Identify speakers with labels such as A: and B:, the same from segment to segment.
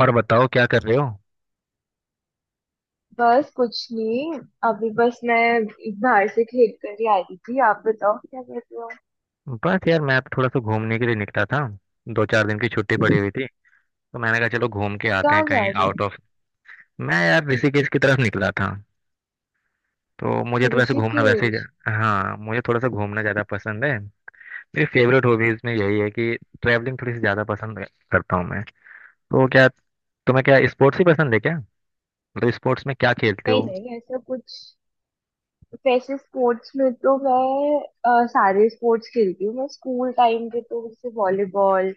A: और बताओ क्या कर रहे हो?
B: बस कुछ नहीं। अभी बस मैं बाहर से खेल कर ही आ रही थी। आप बताओ क्या कर रहे हो।
A: बस यार मैं थोड़ा सा घूमने के लिए निकला था। दो चार दिन की छुट्टी पड़ी हुई थी, तो मैंने कहा चलो घूम के आते हैं
B: कहाँ जा
A: कहीं
B: रहे
A: आउट ऑफ। मैं यार ऋषिकेश की तरफ निकला था। तो मुझे
B: हो।
A: तो वैसे घूमना वैसे
B: ऋषिकेश।
A: ही। हाँ, मुझे थोड़ा सा घूमना ज़्यादा पसंद है। मेरी फेवरेट हॉबीज में यही है कि ट्रैवलिंग थोड़ी सी ज़्यादा पसंद करता हूँ मैं। तो क्या तुम्हें क्या स्पोर्ट्स ही पसंद है क्या? मतलब स्पोर्ट्स में क्या खेलते
B: नहीं
A: हो?
B: नहीं ऐसा कुछ। वैसे स्पोर्ट्स में तो मैं सारे स्पोर्ट्स खेलती हूँ। मैं स्कूल टाइम पे तो जैसे वॉलीबॉल,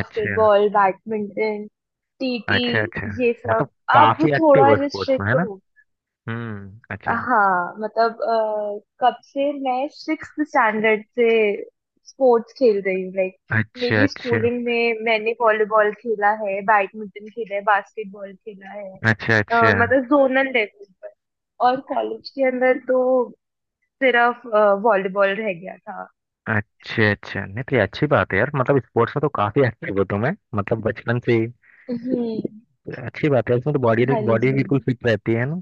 A: अच्छा।
B: बैडमिंटन, टीटी,
A: अच्छा अच्छा।
B: ये
A: मतलब
B: सब। अब
A: काफी एक्टिव
B: थोड़ा
A: हो स्पोर्ट्स में है
B: रिस्ट्रिक्ट
A: ना?
B: हो।
A: हम्म, अच्छा।
B: हाँ मतलब कब से मैं सिक्स स्टैंडर्ड से स्पोर्ट्स खेल रही हूँ लाइक।
A: अच्छा
B: मेरी
A: अच्छा।
B: स्कूलिंग में मैंने वॉलीबॉल खेला है, बैडमिंटन खेला है, बास्केटबॉल खेला है,
A: अच्छा अच्छा।
B: मतलब जोनल लेवल पर। और कॉलेज के अंदर तो सिर्फ वॉलीबॉल रह गया था।
A: अच्छा अच्छा नहीं तो ये अच्छी बात है यार, मतलब स्पोर्ट्स में तो काफी एक्टिव हो तुम्हें मतलब बचपन से ही।
B: हम्म।
A: अच्छी बात है, इसमें तो बॉडी
B: हाँ
A: बॉडी
B: जी।
A: बिल्कुल फिट रहती है ना।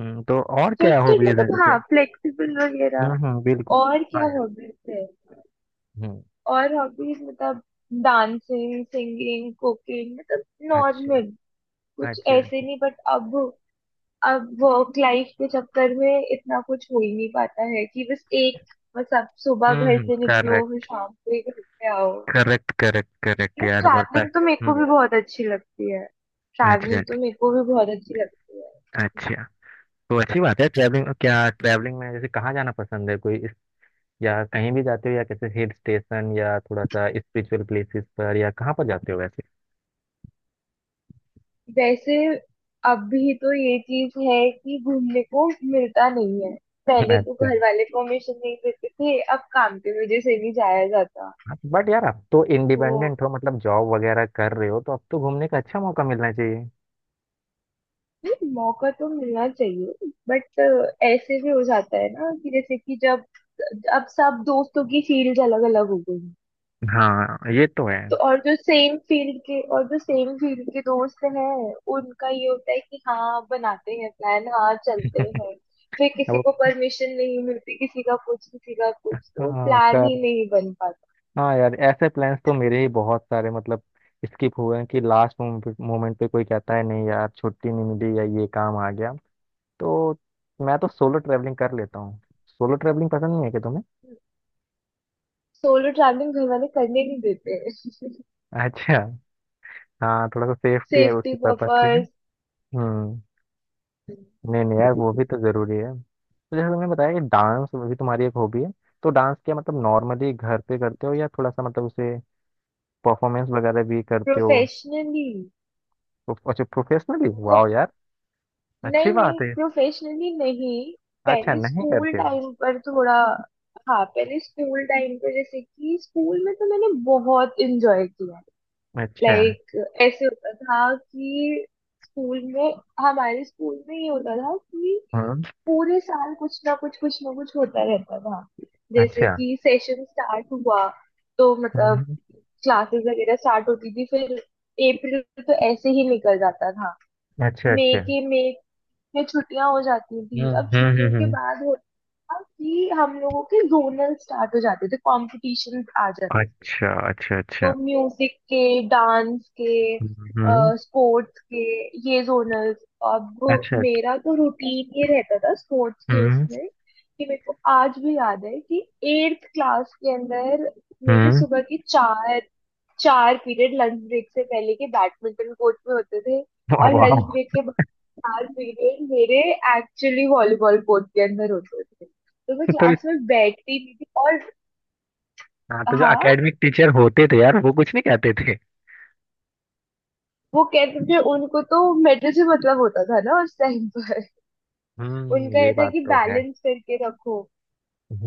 A: तो और
B: फिर
A: क्या
B: तो
A: हॉबीज है
B: मतलब
A: जैसे?
B: हाँ फ्लेक्सिबल वगैरह।
A: बिल्कुल।
B: और क्या
A: हाँ यार।
B: हॉबीज है।
A: हम्म।
B: और हॉबीज मतलब डांसिंग, सिंगिंग, कुकिंग, मतलब
A: अच्छा।
B: नॉर्मल। कुछ
A: अच्छा
B: ऐसे
A: अच्छा।
B: नहीं बट अब। अब वर्क लाइफ के चक्कर में इतना कुछ हो ही नहीं पाता है कि बस आप सुबह घर से निकलो फिर
A: करेक्ट।
B: शाम को ही घर पे आओ।
A: करेक्ट करेक्ट करेक्ट
B: बस
A: यार, बढ़ता है।
B: ट्रैवलिंग तो मेरे को भी
A: हम्म।
B: बहुत अच्छी लगती है।
A: अच्छा।
B: ट्रैवलिंग तो मेरे को भी बहुत अच्छी लगती है।
A: अच्छा अच्छा। तो अच्छी बात है, ट्रैवलिंग क्या ट्रैवलिंग में जैसे कहाँ जाना पसंद है या कहीं भी जाते हो या कैसे हिल स्टेशन या थोड़ा सा स्पिरिचुअल प्लेसेस पर या कहाँ पर जाते हो वैसे?
B: वैसे अभी तो ये चीज है कि घूमने को मिलता नहीं है। पहले तो
A: अच्छा।
B: घर वाले परमिशन नहीं देते थे, अब काम की वजह से नहीं जाया जाता
A: बट यार अब तो
B: तो।
A: इंडिपेंडेंट हो मतलब जॉब वगैरह कर रहे हो तो अब तो घूमने का अच्छा मौका मिलना चाहिए।
B: नहीं, मौका तो मिलना चाहिए बट ऐसे भी हो जाता है ना कि जैसे कि जब अब सब दोस्तों की फील्ड अलग अलग हो गई।
A: हाँ ये तो है।
B: तो और जो सेम फील्ड के दोस्त हैं, उनका ये होता है कि हाँ बनाते हैं प्लान, हाँ चलते हैं। फिर किसी
A: अब।
B: को परमिशन नहीं मिलती, किसी का कुछ, किसी का कुछ, तो
A: हाँ
B: प्लान ही
A: कर
B: नहीं बन पाता।
A: हाँ यार, ऐसे प्लान्स तो मेरे ही बहुत सारे मतलब स्किप हुए हैं कि लास्ट मोमेंट पे कोई कहता है नहीं यार छुट्टी नहीं मिली या ये काम आ गया। तो मैं तो सोलो ट्रैवलिंग कर लेता हूँ। सोलो ट्रैवलिंग पसंद नहीं है क्या तुम्हें?
B: सोलो ट्रैवलिंग घर वाले करने नहीं देते।
A: अच्छा। हाँ थोड़ा सा सेफ्टी है
B: सेफ्टी
A: उसके पर्पज से।
B: पर्पस।
A: हम्म। नहीं नहीं यार वो भी तो जरूरी है। तो जैसे तुमने बताया कि डांस भी तुम्हारी एक हॉबी है, तो डांस क्या मतलब नॉर्मली घर पे करते हो या थोड़ा सा मतलब उसे परफॉर्मेंस वगैरह भी करते हो?
B: प्रोफेशनली
A: अच्छा प्रोफेशनली
B: मतलब।
A: वाह यार, अच्छी
B: नहीं
A: बात
B: नहीं
A: है।
B: प्रोफेशनली नहीं।
A: अच्छा
B: पहले
A: नहीं
B: स्कूल
A: करते हो।
B: टाइम पर थोड़ा। हाँ पहले स्कूल टाइम पे जैसे कि स्कूल में तो मैंने बहुत एंजॉय किया
A: अच्छा।
B: लाइक। ऐसे होता था कि स्कूल में हमारे स्कूल में ये होता था कि
A: हम्म।
B: पूरे साल कुछ ना कुछ, कुछ ना कुछ होता रहता था। जैसे
A: अच्छा।
B: कि सेशन स्टार्ट हुआ तो मतलब
A: हम्म,
B: क्लासेस वगैरह स्टार्ट होती थी, फिर अप्रैल तो ऐसे ही निकल जाता था।
A: अच्छा अच्छा।
B: मई में छुट्टियां हो जाती
A: हम्म
B: थी। अब
A: हम्म।
B: छुट्टियों के बाद होता था कि हम लोगों के जोनल स्टार्ट हो जाते थे, कॉम्पिटिशन आ जाते थे।
A: अच्छा अच्छा। अच्छा।
B: तो म्यूजिक के, डांस के,
A: हम्म।
B: स्पोर्ट्स के, ये जोनल। अब
A: अच्छा।
B: मेरा तो रूटीन ये रहता था स्पोर्ट्स के
A: हम्म
B: उसमें, कि मेरे को आज भी याद है कि एट्थ क्लास के अंदर मेरे
A: हम्म।
B: सुबह की चार चार पीरियड लंच ब्रेक से पहले के बैडमिंटन कोर्ट में होते थे।
A: वाह
B: और
A: वाह।
B: लंच ब्रेक के बाद चार पीरियड मेरे एक्चुअली वॉलीबॉल कोर्ट के अंदर होते थे, तो मैं
A: तो
B: क्लास में बैठती भी थी और
A: हाँ, तो जो
B: हाँ।
A: एकेडमिक टीचर होते थे यार वो कुछ नहीं कहते थे।
B: वो कहते थे, उनको तो मेडल से मतलब होता था ना उस टाइम पर।
A: हम्म,
B: उनका ये
A: ये
B: था
A: बात
B: कि
A: तो है।
B: बैलेंस करके रखो,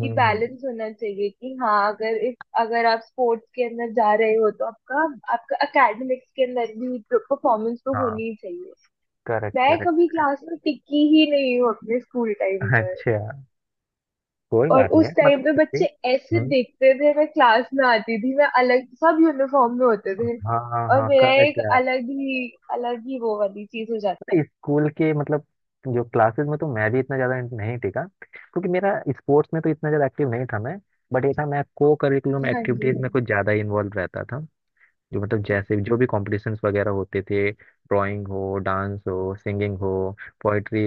B: कि
A: हम्म,
B: बैलेंस होना चाहिए, कि हाँ अगर इफ अगर आप स्पोर्ट्स के अंदर जा रहे हो तो आपका आपका एकेडमिक्स के अंदर भी परफॉर्मेंस तो होनी
A: हाँ
B: ही चाहिए।
A: करेक्ट
B: मैं कभी
A: करेक्ट।
B: क्लास में टिकी ही नहीं हूँ अपने स्कूल टाइम पर।
A: अच्छा कोई
B: और
A: बात नहीं है
B: उस
A: मतलब
B: टाइम पे
A: फिर भी।
B: बच्चे ऐसे
A: हम्म।
B: देखते थे, मैं क्लास में आती थी मैं अलग, सब यूनिफॉर्म में होते थे
A: हाँ हाँ
B: और
A: हाँ
B: मेरा
A: करेक्ट
B: एक
A: यार।
B: अलग ही वो वाली चीज हो जाती।
A: पता है, स्कूल के मतलब जो क्लासेस में तो मैं भी इतना ज़्यादा नहीं टिका क्योंकि मेरा स्पोर्ट्स में तो इतना ज़्यादा एक्टिव नहीं था मैं। बट ये था मैं को करिकुलम
B: हाँ जी।
A: एक्टिविटीज़ में कुछ ज़्यादा इन्वॉल्व रहता था। जो मतलब जैसे जो भी कॉम्पिटिशन्स वगैरह होते थे ड्राइंग हो डांस हो सिंगिंग हो पोइट्री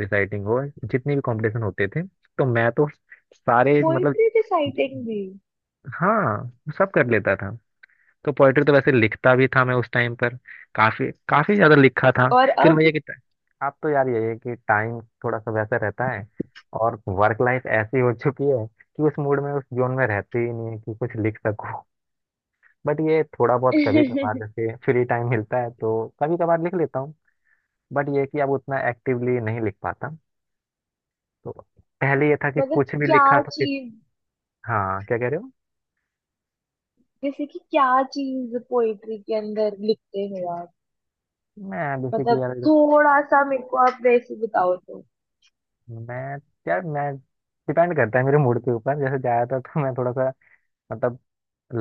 A: रिसाइटिंग हो जितने भी कॉम्पिटिशन होते थे तो मैं तो सारे मतलब
B: पोइट्री रिसाइटिंग भी।
A: हाँ सब कर लेता था। तो पोइट्री तो वैसे लिखता भी था मैं उस टाइम पर। काफी काफी ज्यादा लिखा था।
B: और
A: फिर
B: अब।
A: मुझे कि आप तो यार ये है कि टाइम थोड़ा सा वैसा रहता है, और वर्क लाइफ ऐसी हो चुकी है कि उस मूड में उस जोन में रहते ही नहीं है कि कुछ लिख सकूं। बट ये थोड़ा बहुत कभी कभार जैसे फ्री टाइम मिलता है तो कभी कभार लिख लेता हूँ। बट ये है कि अब उतना एक्टिवली नहीं लिख पाता। तो पहले ये था कि
B: मतलब
A: कुछ भी
B: क्या
A: लिखा तो किस
B: चीज,
A: हाँ क्या कह रहे हो?
B: जैसे कि क्या चीज पोइट्री के अंदर लिखते हो आप।
A: मैं बेसिकली
B: मतलब थोड़ा सा मेरे को आप वैसे बताओ तो।
A: मैं यार मैं डिपेंड करता है मेरे मूड के ऊपर जैसे ज्यादातर तो मैं थोड़ा सा मतलब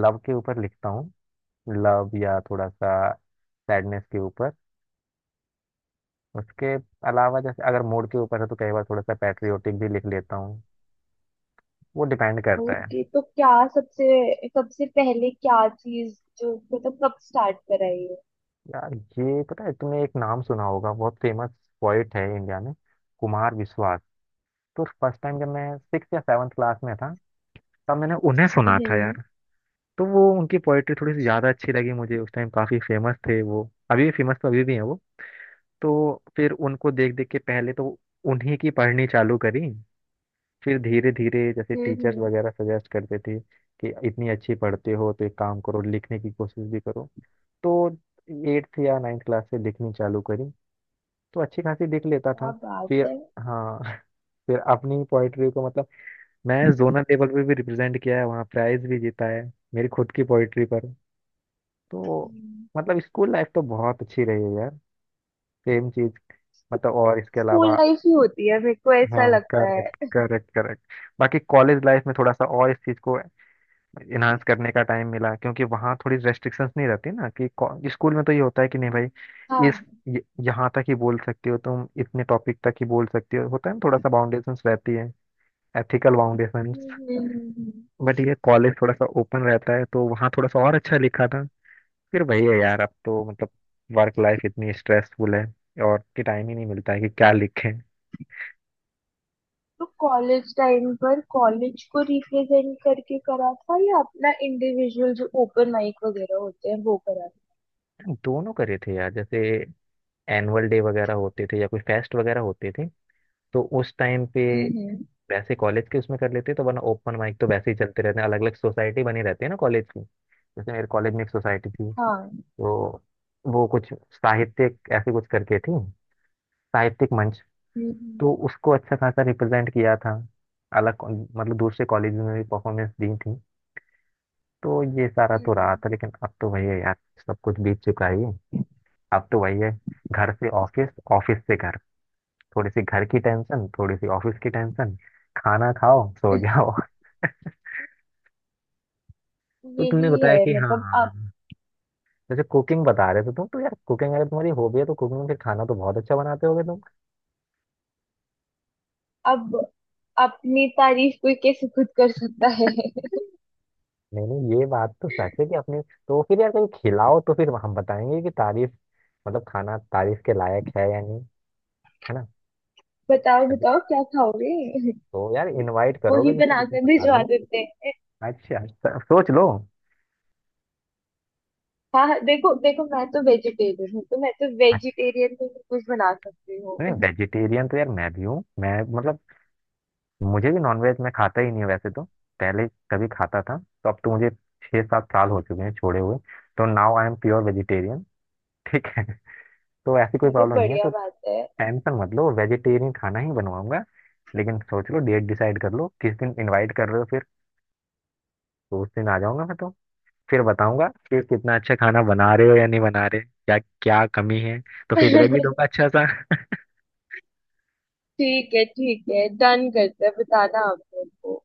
A: लव के ऊपर लिखता हूँ। लव या थोड़ा सा सैडनेस के ऊपर। उसके अलावा जैसे अगर मूड के ऊपर है तो कई बार थोड़ा सा पैट्रियोटिक भी लिख लेता हूँ। वो डिपेंड करता है।
B: ओके तो क्या सबसे सबसे पहले क्या चीज जो मतलब कब स्टार्ट कराई है।
A: यार ये पता है तुमने एक नाम सुना होगा, बहुत फेमस पोइट है इंडिया में, कुमार विश्वास। तो फर्स्ट टाइम जब मैं सिक्स या सेवन्थ क्लास में था तब मैंने उन्हें सुना था
B: हम्म
A: यार। तो वो उनकी पोइट्री थोड़ी सी ज़्यादा अच्छी लगी मुझे, उस टाइम काफ़ी फेमस थे वो। अभी फेमस तो अभी भी हैं वो। तो फिर उनको देख देख के पहले तो उन्हीं की पढ़नी चालू करी। फिर धीरे धीरे जैसे टीचर्स
B: हम्म।
A: वगैरह सजेस्ट करते थे कि इतनी अच्छी पढ़ते हो तो एक काम करो लिखने की कोशिश भी करो। तो एट्थ या नाइन्थ क्लास से लिखनी चालू करी। तो अच्छी खासी लिख लेता था।
B: क्या बात
A: फिर
B: है।
A: हाँ फिर अपनी पोइट्री को मतलब मैं जोनल लेवल पे भी रिप्रेजेंट किया है, वहाँ प्राइज भी जीता है मेरी खुद की पोइट्री। तो मतलब स्कूल लाइफ तो बहुत अच्छी रही है यार। सेम चीज, मतलब और इसके
B: स्कूल
A: अलावा
B: लाइफ ही होती है, मेरे को ऐसा
A: हाँ
B: लगता
A: करेक्ट
B: है।
A: Correct correct. बाकी कॉलेज लाइफ में थोड़ा सा और इस चीज को इनहांस करने का टाइम मिला क्योंकि वहाँ थोड़ी रेस्ट्रिक्शंस नहीं रहती ना कि स्कूल में तो ये होता है कि नहीं भाई इस
B: हाँ।
A: यहाँ तक ही बोल सकते हो तुम इतने टॉपिक तक ही बोल सकते हो, होता है ना थोड़ा सा बाउंडेशंस रहती है, एथिकल बाउंडेशंस।
B: हम्म।
A: बट ये कॉलेज थोड़ा सा ओपन रहता है तो वहाँ थोड़ा सा और अच्छा लिखा था। फिर वही है यार, अब तो मतलब वर्क लाइफ इतनी स्ट्रेसफुल है और कि टाइम ही नहीं मिलता है कि क्या लिखें।
B: तो कॉलेज टाइम पर कॉलेज को रिप्रेजेंट करके करा था या अपना इंडिविजुअल जो ओपन माइक वगैरह होते हैं वो करा था।
A: दोनों करे थे यार, जैसे एनुअल डे वगैरह होते थे या कोई फेस्ट वगैरह होते थे तो उस टाइम पे
B: हम्म।
A: वैसे कॉलेज के उसमें कर लेते, तो वरना ओपन माइक तो वैसे ही चलते रहते हैं, अलग अलग सोसाइटी बनी रहती है ना कॉलेज की। जैसे मेरे कॉलेज में एक सोसाइटी थी,
B: हाँ।
A: तो वो कुछ साहित्यिक ऐसे कुछ करके थी, साहित्यिक मंच।
B: हम्म,
A: तो उसको अच्छा खासा रिप्रेजेंट किया था। अलग मतलब दूसरे कॉलेज में भी परफॉर्मेंस दी थी। तो ये सारा तो रहा
B: हम्म।
A: था लेकिन अब तो वही है यार। सब कुछ बीत चुका ही है, अब तो वही है। घर से ऑफिस ऑफिस से घर, थोड़ी सी घर की टेंशन थोड़ी सी ऑफिस की टेंशन, खाना खाओ सो जाओ। तो तुमने
B: यही है
A: बताया कि
B: मतलब आप।
A: हाँ जैसे कुकिंग बता रहे थे तुम, तो यार कुकिंग अगर तुम्हारी हॉबी है तो कुकिंग में फिर खाना तो बहुत अच्छा बनाते होगे तुम।
B: अब अपनी तारीफ कोई कैसे खुद कर सकता है।
A: नहीं नहीं ये बात तो सच है कि अपने। तो फिर यार कहीं खिलाओ तो फिर हम बताएंगे कि तारीफ मतलब खाना तारीफ के लायक है या नहीं, है ना?
B: बताओ
A: अभी
B: बताओ क्या खाओगे।
A: तो यार इनवाइट
B: वही
A: करोगे जिसे उसे
B: बनाकर
A: बता
B: भिजवा
A: देंगे।
B: देते हैं।
A: अच्छा तो सोच लो।
B: हाँ हाँ, देखो देखो मैं तो वेजिटेरियन हूँ, तो मैं तो
A: अच्छा,
B: वेजिटेरियन में भी कुछ बना सकती
A: नहीं
B: हूँ।
A: वेजिटेरियन तो यार मैं भी हूँ मैं, मतलब मुझे भी नॉनवेज मैं खाता ही नहीं हूँ वैसे तो। पहले कभी खाता था तो अब तो मुझे 6-7 साल हो चुके हैं छोड़े हुए। तो now I am pure vegetarian, ठीक है। तो ऐसी कोई
B: चलो
A: प्रॉब्लम नहीं है
B: बढ़िया
A: तो
B: बात है।
A: टेंशन मत लो वेजिटेरियन खाना ही बनवाऊंगा। लेकिन सोच लो डेट डिसाइड कर लो किस दिन इनवाइट कर रहे हो फिर। तो उस दिन आ जाऊंगा मैं तो। फिर बताऊंगा कि कितना अच्छा खाना बना रहे हो या नहीं बना रहे क्या क्या कमी है। तो फीडबैक भी दूंगा अच्छा सा।
B: ठीक है डन करते हैं, बताना आप मेरे को।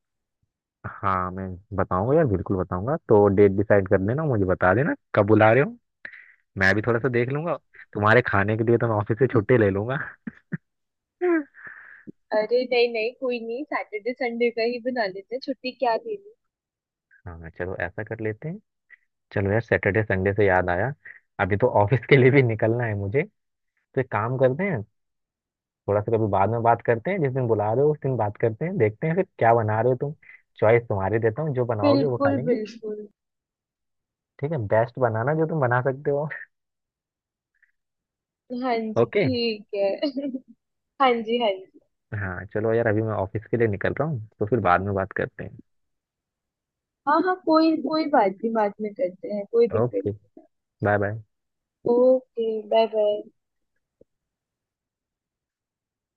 A: हाँ मैं बताऊंगा यार बिल्कुल बताऊंगा, तो डेट डिसाइड कर देना मुझे बता देना कब बुला रहे हो। मैं भी थोड़ा सा देख लूंगा, तुम्हारे खाने के लिए तो मैं ऑफिस से छुट्टी ले लूंगा।
B: अरे नहीं नहीं कोई नहीं, सैटरडे संडे का ही बना लेते हैं, छुट्टी क्या देनी।
A: हाँ चलो ऐसा कर लेते हैं। चलो यार सैटरडे संडे से याद आया अभी तो ऑफिस के लिए भी निकलना है मुझे। तो एक काम करते हैं, थोड़ा सा कभी बाद में बात करते हैं जिस दिन बुला रहे हो उस दिन बात करते हैं देखते हैं फिर क्या बना रहे हो तुम। चॉइस तुम्हारी देता हूँ जो बनाओगे वो खा
B: बिल्कुल
A: लेंगे।
B: बिल्कुल।
A: ठीक है, बेस्ट बनाना जो तुम बना सकते हो।
B: हाँ जी
A: ओके।
B: ठीक है। हाँ जी हाँ जी।
A: हाँ चलो यार अभी मैं ऑफिस के लिए निकल रहा हूँ तो फिर बाद में बात करते हैं।
B: हाँ हाँ कोई कोई बात नहीं, बाद में करते हैं, कोई दिक्कत
A: ओके,
B: नहीं।
A: Bye bye.
B: Okay bye bye.